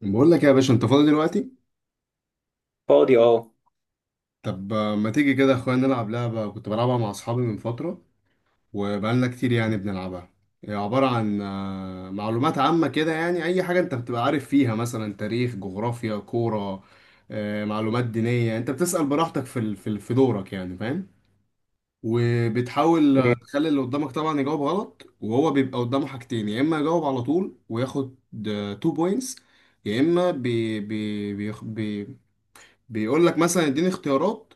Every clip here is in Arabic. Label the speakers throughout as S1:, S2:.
S1: بقول لك يا باشا انت فاضي دلوقتي.
S2: فاضي، اه.
S1: طب ما تيجي كده يا اخويا نلعب لعبة كنت بلعبها مع اصحابي من فترة، وبقالنا كتير يعني بنلعبها. هي عبارة عن معلومات عامة كده، يعني اي حاجة انت بتبقى عارف فيها مثلا تاريخ، جغرافيا، كورة، معلومات دينية. انت بتسأل براحتك في دورك، يعني فاهم. وبتحاول تخلي اللي قدامك طبعا يجاوب غلط، وهو بيبقى قدامه حاجتين: يا اما يجاوب على طول وياخد 2 بوينتس، يا اما بي بي بي بيقول لك مثلا اديني اختيارات،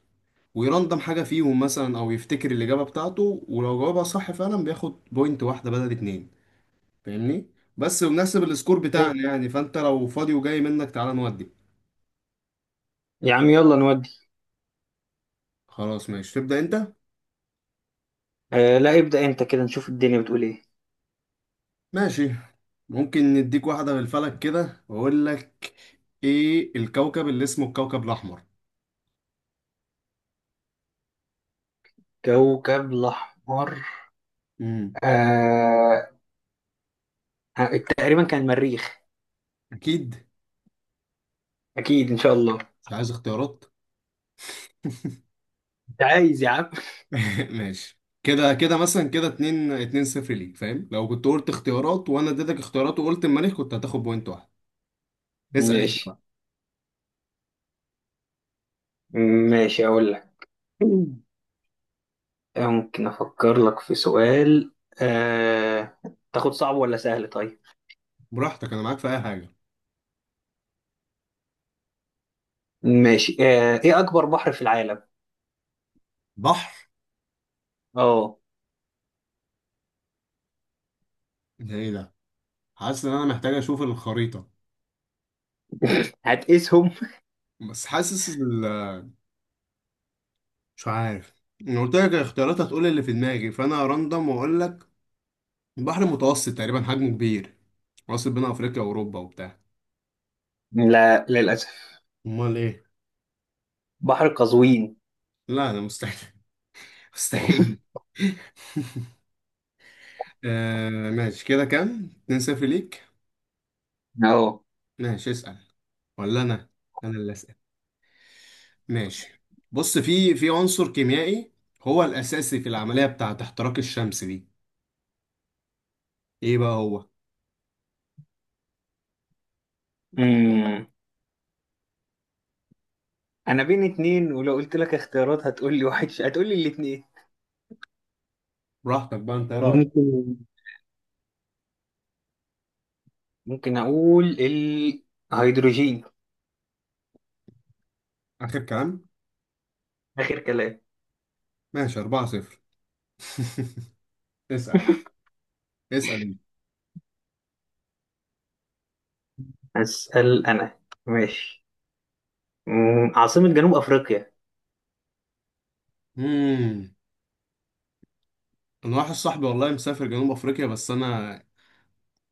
S1: ويرندم حاجة فيهم مثلا، او يفتكر الإجابة بتاعته، ولو جاوبها صح فعلا بياخد بوينت واحدة بدل اتنين. فاهمني؟ بس بنحسب السكور بتاعنا يعني. فانت لو فاضي وجاي منك تعالى نودي.
S2: يا عم يلا نودي.
S1: خلاص ماشي، تبدأ انت.
S2: آه، لا، ابدأ انت كده نشوف الدنيا بتقول ايه.
S1: ماشي. ممكن نديك واحدة بالفلك كده واقول لك. ايه الكوكب اللي اسمه الكوكب الأحمر؟
S2: كوكب الأحمر.
S1: امم.
S2: آه. تقريبا كان المريخ.
S1: اكيد.
S2: أكيد إن شاء الله.
S1: مش عايز اختيارات.
S2: أنت عايز يا عم.
S1: ماشي كده، كده مثلا كده اتنين اتنين صفر ليك، فاهم؟ لو كنت قلت اختيارات وانا اديتك اختيارات وقلت المريخ كنت هتاخد بوينت واحد. اسأل انت
S2: ماشي،
S1: بقى.
S2: ماشي أقول لك. ممكن أفكر لك في سؤال. آه. تاخد صعب ولا سهل طيب؟
S1: براحتك، انا معاك في اي حاجة.
S2: ماشي. إيه أكبر بحر في العالم؟
S1: بحر؟
S2: أه.
S1: ده ايه ده؟ حاسس ان انا محتاج اشوف الخريطة.
S2: هتقيسهم؟
S1: بس حاسس ال... مش عارف. انا قلت لك الاختيارات هتقول اللي في دماغي، فانا راندم واقول لك. بحر متوسط تقريبا، حجمه كبير، واصل بين افريقيا واوروبا وبتاع.
S2: لا، للأسف.
S1: امال ايه؟
S2: بحر قزوين.
S1: لا ده مستحيل. مستحيل. آه ماشي، كده كام؟ 2-0 ليك. ماشي اسأل. ولا أنا؟ أنا اللي أسأل. ماشي. بص، في عنصر كيميائي هو الأساسي في العملية بتاعة احتراق الشمس دي، إيه بقى هو؟
S2: أه انا بين اتنين، ولو قلت لك اختيارات هتقول لي واحد هتقول لي الاتنين.
S1: براحتك بقى، أنت إيه رأيك؟
S2: ممكن ممكن اقول الهيدروجين.
S1: آخر كلام؟
S2: اخر كلام.
S1: ماشي 4-0. اسأل. اسأل أنت.
S2: اسال انا. ماشي. عاصمة جنوب افريقيا.
S1: مم. أنا واحد صاحبي والله مسافر جنوب أفريقيا، بس أنا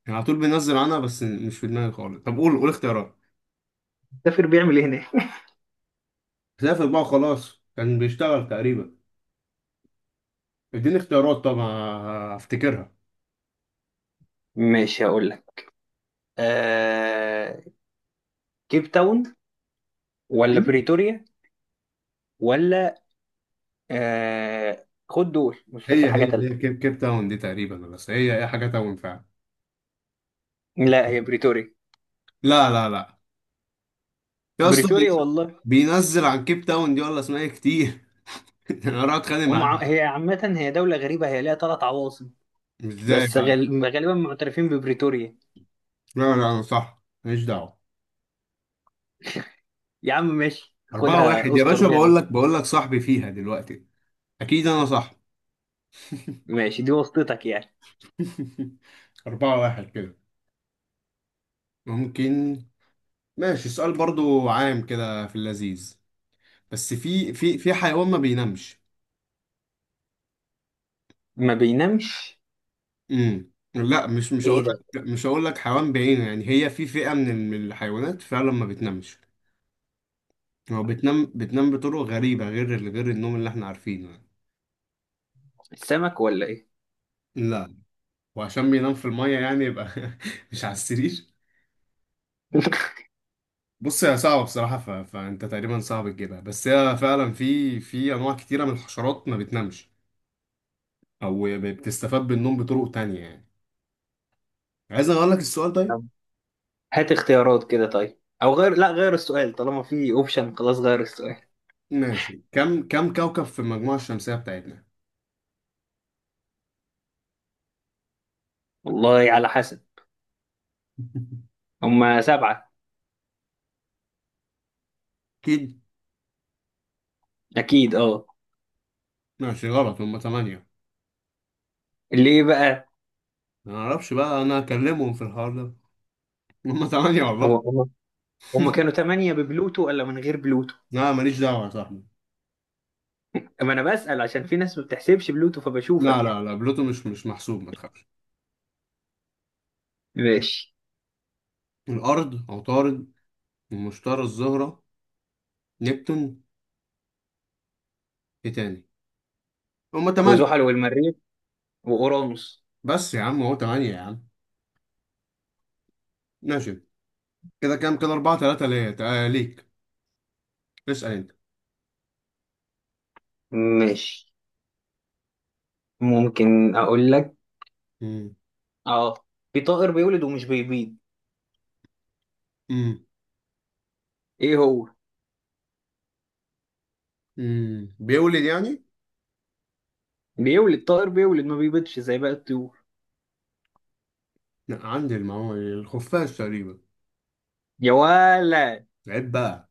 S1: يعني على طول بينزل عنها، بس مش في دماغي خالص. طب قول اختيارات.
S2: السفير بيعمل ايه هناك؟
S1: سافر بقى خلاص، كان بيشتغل تقريبا. اديني اختيارات طبعا، هفتكرها.
S2: ماشي، هقول لك. آه... كيب تاون، ولا بريتوريا، ولا خد دول، مش فاكر
S1: هي
S2: حاجة
S1: هي هي
S2: تالتة.
S1: كيب تاون دي تقريبا، بس هي حاجة تاون فعلا.
S2: لا، هي بريتوريا.
S1: لا لا لا، يا اسطى
S2: بريتوريا والله.
S1: بينزل عن كيب تاون دي ولا اسمها ايه كتير. انا راح اتخانق معاه.
S2: هي عامة، هي دولة غريبة، هي ليها ثلاث عواصم.
S1: ازاي
S2: بس
S1: بقى؟
S2: غالبا معترفين ببريتوريا.
S1: لا لا، انا صح ماليش دعوة.
S2: يا عم ماشي،
S1: أربعة
S2: خدها
S1: واحد يا
S2: استر
S1: باشا،
S2: بيها
S1: بقول
S2: نفسك.
S1: لك بقول لك صاحبي فيها دلوقتي، أكيد أنا صح.
S2: ماشي، دي واسطتك يعني.
S1: أربعة واحد كده. ممكن. ماشي، السؤال برضو عام كده في اللذيذ. بس في حيوان ما بينامش.
S2: ما بينامش؟
S1: امم، لا، مش
S2: ايه
S1: هقول
S2: ده؟
S1: لك، مش هقول لك حيوان بعينه يعني. هي في فئة من الحيوانات فعلا ما بتنامش. هو بتنام بطرق غريبة، غير النوم اللي احنا عارفينه يعني.
S2: السمك ولا ايه؟
S1: لا. وعشان بينام في المية يعني يبقى مش على السرير. بص هي صعبة بصراحة، فانت تقريبا صعب تجيبها. بس هي فعلا في انواع كتيرة من الحشرات ما بتنامش، او بتستفاد بالنوم بطرق تانية يعني. عايز اقول لك السؤال طيب.
S2: طب هات اختيارات كده، طيب او غير، لا غير السؤال طالما في اوبشن، خلاص غير السؤال.
S1: ماشي. كم كوكب في المجموعة الشمسية بتاعتنا؟
S2: والله على حسب. هما سبعة.
S1: اكيد.
S2: اكيد اه.
S1: ماشي غلط، هم 8.
S2: اللي ايه بقى؟
S1: ما اعرفش بقى، انا اكلمهم في الحوار ده؟ هم تمانية
S2: هو
S1: والله.
S2: هما كانوا تمانية ببلوتو ولا من غير بلوتو؟
S1: لا ماليش دعوة يا صاحبي.
S2: اما انا بسأل عشان في ناس ما بتحسبش بلوتو
S1: لا
S2: فبشوفك
S1: لا
S2: يعني.
S1: لا، بلوتو مش محسوب، ما تخافش.
S2: ماشي.
S1: الارض، عطارد، ومشتري، الزهرة، نبتون، ايه تاني؟ هم تمانية.
S2: وزحل والمريخ واورانوس.
S1: بس يا عم هو تمانية يا عم. ماشي، كده كام كده؟ اربعة تلاتة ليا، ليك. اسأل انت.
S2: ماشي، ممكن اقول لك.
S1: مم.
S2: اه، في طائر بيولد ومش بيبيض.
S1: مم.
S2: ايه هو؟
S1: مم. بيولد يعني؟
S2: بيولد، طائر بيولد ما بيبيضش زي باقي الطيور.
S1: لا، عندي المعلومة دي، الخفاش تقريبا.
S2: يا ولا.
S1: عيب بقى،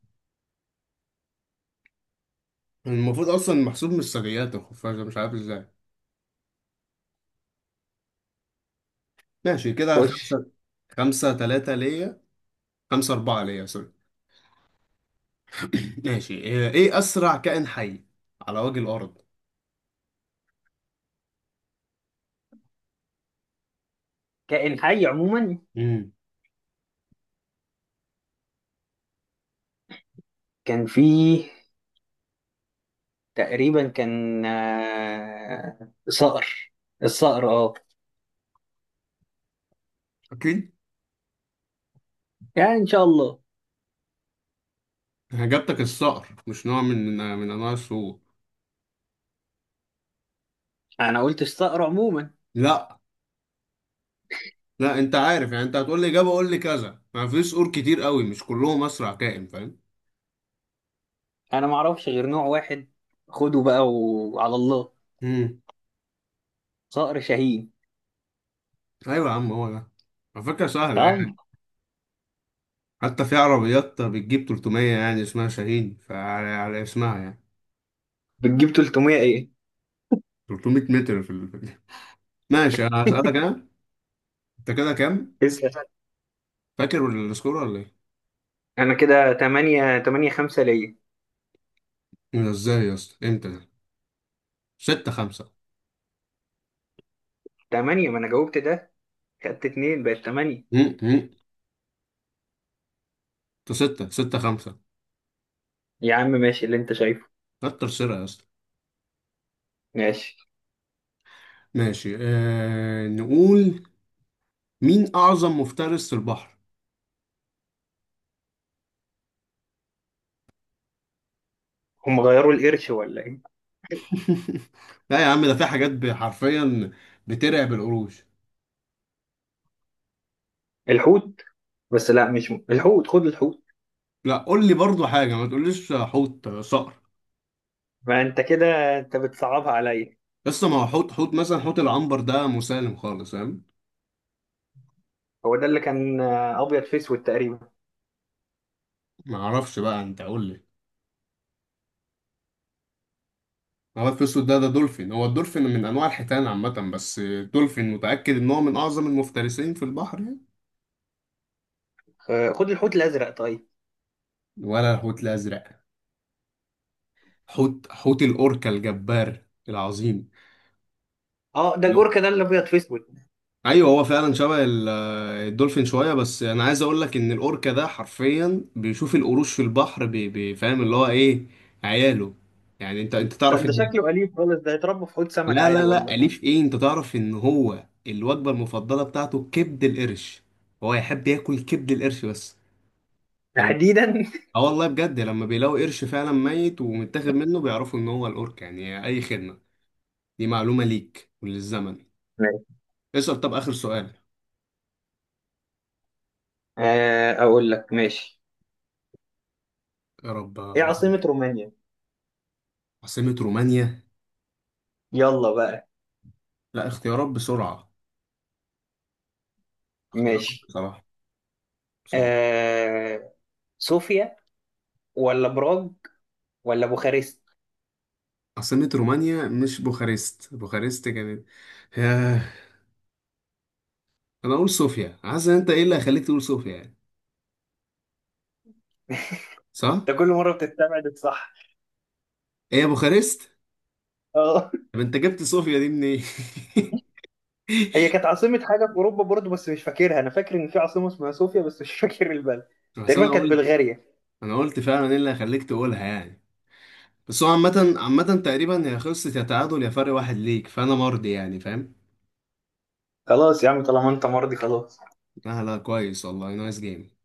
S1: المفروض اصلا محسوب من الثدييات الخفاش ده، مش عارف ازاي. ماشي كده
S2: خش.
S1: خمسة. خمسة تلاتة ليا. خمسة أربعة ليا، سوري. ماشي، إيه إيه أسرع كائن حي على وجه الأرض؟
S2: كائن حي عموما.
S1: امم.
S2: كان فيه، تقريبا كان صقر. الصقر اه.
S1: أكيد.
S2: يعني ان شاء الله.
S1: إجابتك الصقر؟ مش نوع من أنواع الصقور؟
S2: انا قلت الصقر عموما.
S1: لا لا، أنت عارف يعني، أنت هتقول لي إجابة قول لي كذا، ما في صقور كتير قوي مش كلهم أسرع كائن، فاهم؟
S2: انا ما اعرفش غير نوع واحد، خده بقى وعلى الله.
S1: امم.
S2: صقر شاهين.
S1: أيوة يا عم، هو ده. على فكرة سهلة
S2: طيب.
S1: يعني، حتى في عربيات بتجيب 300 يعني، اسمها شاهين، فعلى على اسمها يعني.
S2: بتجيب 300 ايه؟
S1: 300 متر في ال... ماشي، أنا هسألك أنا. أنت كده كام؟
S2: اسأل.
S1: فاكر السكور ولا إيه؟
S2: انا كده 8 8 5 ليا.
S1: إيه ده إزاي يا اسطى؟ إمتى؟ ستة خمسة.
S2: 8، ما انا جاوبت ده، خدت اتنين بقت تمانية.
S1: مم، مم. انتوا ستة، ستة خمسة.
S2: يا عم ماشي اللي انت شايفه.
S1: كتر خيرها يا اسطى.
S2: ماشي.
S1: ماشي آه، نقول. مين أعظم مفترس في البحر؟
S2: هم غيروا القرش ولا ايه؟
S1: لا يا عم، ده في حاجات حرفيا بترعب القروش.
S2: الحوت. بس لا، مش الحوت، خد الحوت.
S1: لا قول لي برضو حاجة، ما تقوليش حوت صقر.
S2: ما انت كده، انت بتصعبها عليا.
S1: لسه، ما هو حوت مثلا حوت العنبر ده مسالم خالص فاهم.
S2: هو ده اللي كان ابيض في اسود تقريبا.
S1: ما اعرفش بقى، انت قول لي. هو الفسود ده دولفين، هو الدولفين من انواع الحيتان عامة، بس الدولفين متأكد ان هو من اعظم المفترسين في البحر يعني.
S2: خد الحوت الازرق طيب.
S1: ولا الحوت الازرق. حوت الأوركا الجبار العظيم.
S2: اه، ده الاوركا، ده اللي ابيض في اسود.
S1: ايوه، هو فعلا شبه الدولفين شويه. بس انا عايز اقول لك ان الاوركا ده حرفيا بيشوف القروش في البحر فاهم اللي هو ايه، عياله. يعني انت
S2: ده
S1: تعرف
S2: ده
S1: ان،
S2: شكله اليف خالص، ده يتربى في حوض سمك
S1: لا
S2: عادي
S1: لا لا،
S2: والله.
S1: اليف ايه، انت تعرف ان هو الوجبه المفضله بتاعته كبد القرش، هو يحب ياكل كبد القرش بس، فلما
S2: تحديدا؟
S1: اه والله بجد لما بيلاقوا قرش فعلا ميت ومتاخد منه بيعرفوا ان هو الاوركا، يعني اي خدمه، دي معلومه ليك وللزمن.
S2: ماشي.
S1: اسأل، طب آخر سؤال.
S2: اقول لك ماشي.
S1: يا رب.
S2: ايه عاصمة رومانيا؟
S1: عاصمة رومانيا؟
S2: يلا بقى.
S1: لا، اختيارات بسرعة. اختيارات
S2: ماشي.
S1: بصراحة، صعب.
S2: آه... صوفيا، ولا براغ، ولا بوخارست.
S1: عاصمة رومانيا مش بوخارست؟ بوخارست كانت. ياه. أنا أقول صوفيا، عايز أنت. إيه اللي هيخليك تقول صوفيا يعني؟ صح؟
S2: انت كل مره بتستبعد الصح.
S1: هي بوخارست؟
S2: اه.
S1: طب أنت جبت صوفيا دي منين؟
S2: هي كانت عاصمه حاجه في اوروبا برضه بس مش فاكرها، انا فاكر ان في عاصمه اسمها صوفيا بس مش فاكر البلد.
S1: بس أنا
S2: تقريبا كانت
S1: قلت.
S2: بلغاريا.
S1: أنا قلت فعلا إيه اللي هيخليك تقولها يعني. بس هو عامة، عامة تقريبا هي خلصت، يا تعادل يا فرق واحد ليك، فأنا مرضي يعني فاهم؟
S2: خلاص يا عم، طالما انت مرضي خلاص.
S1: لا لا، كويس والله، نايس جيم.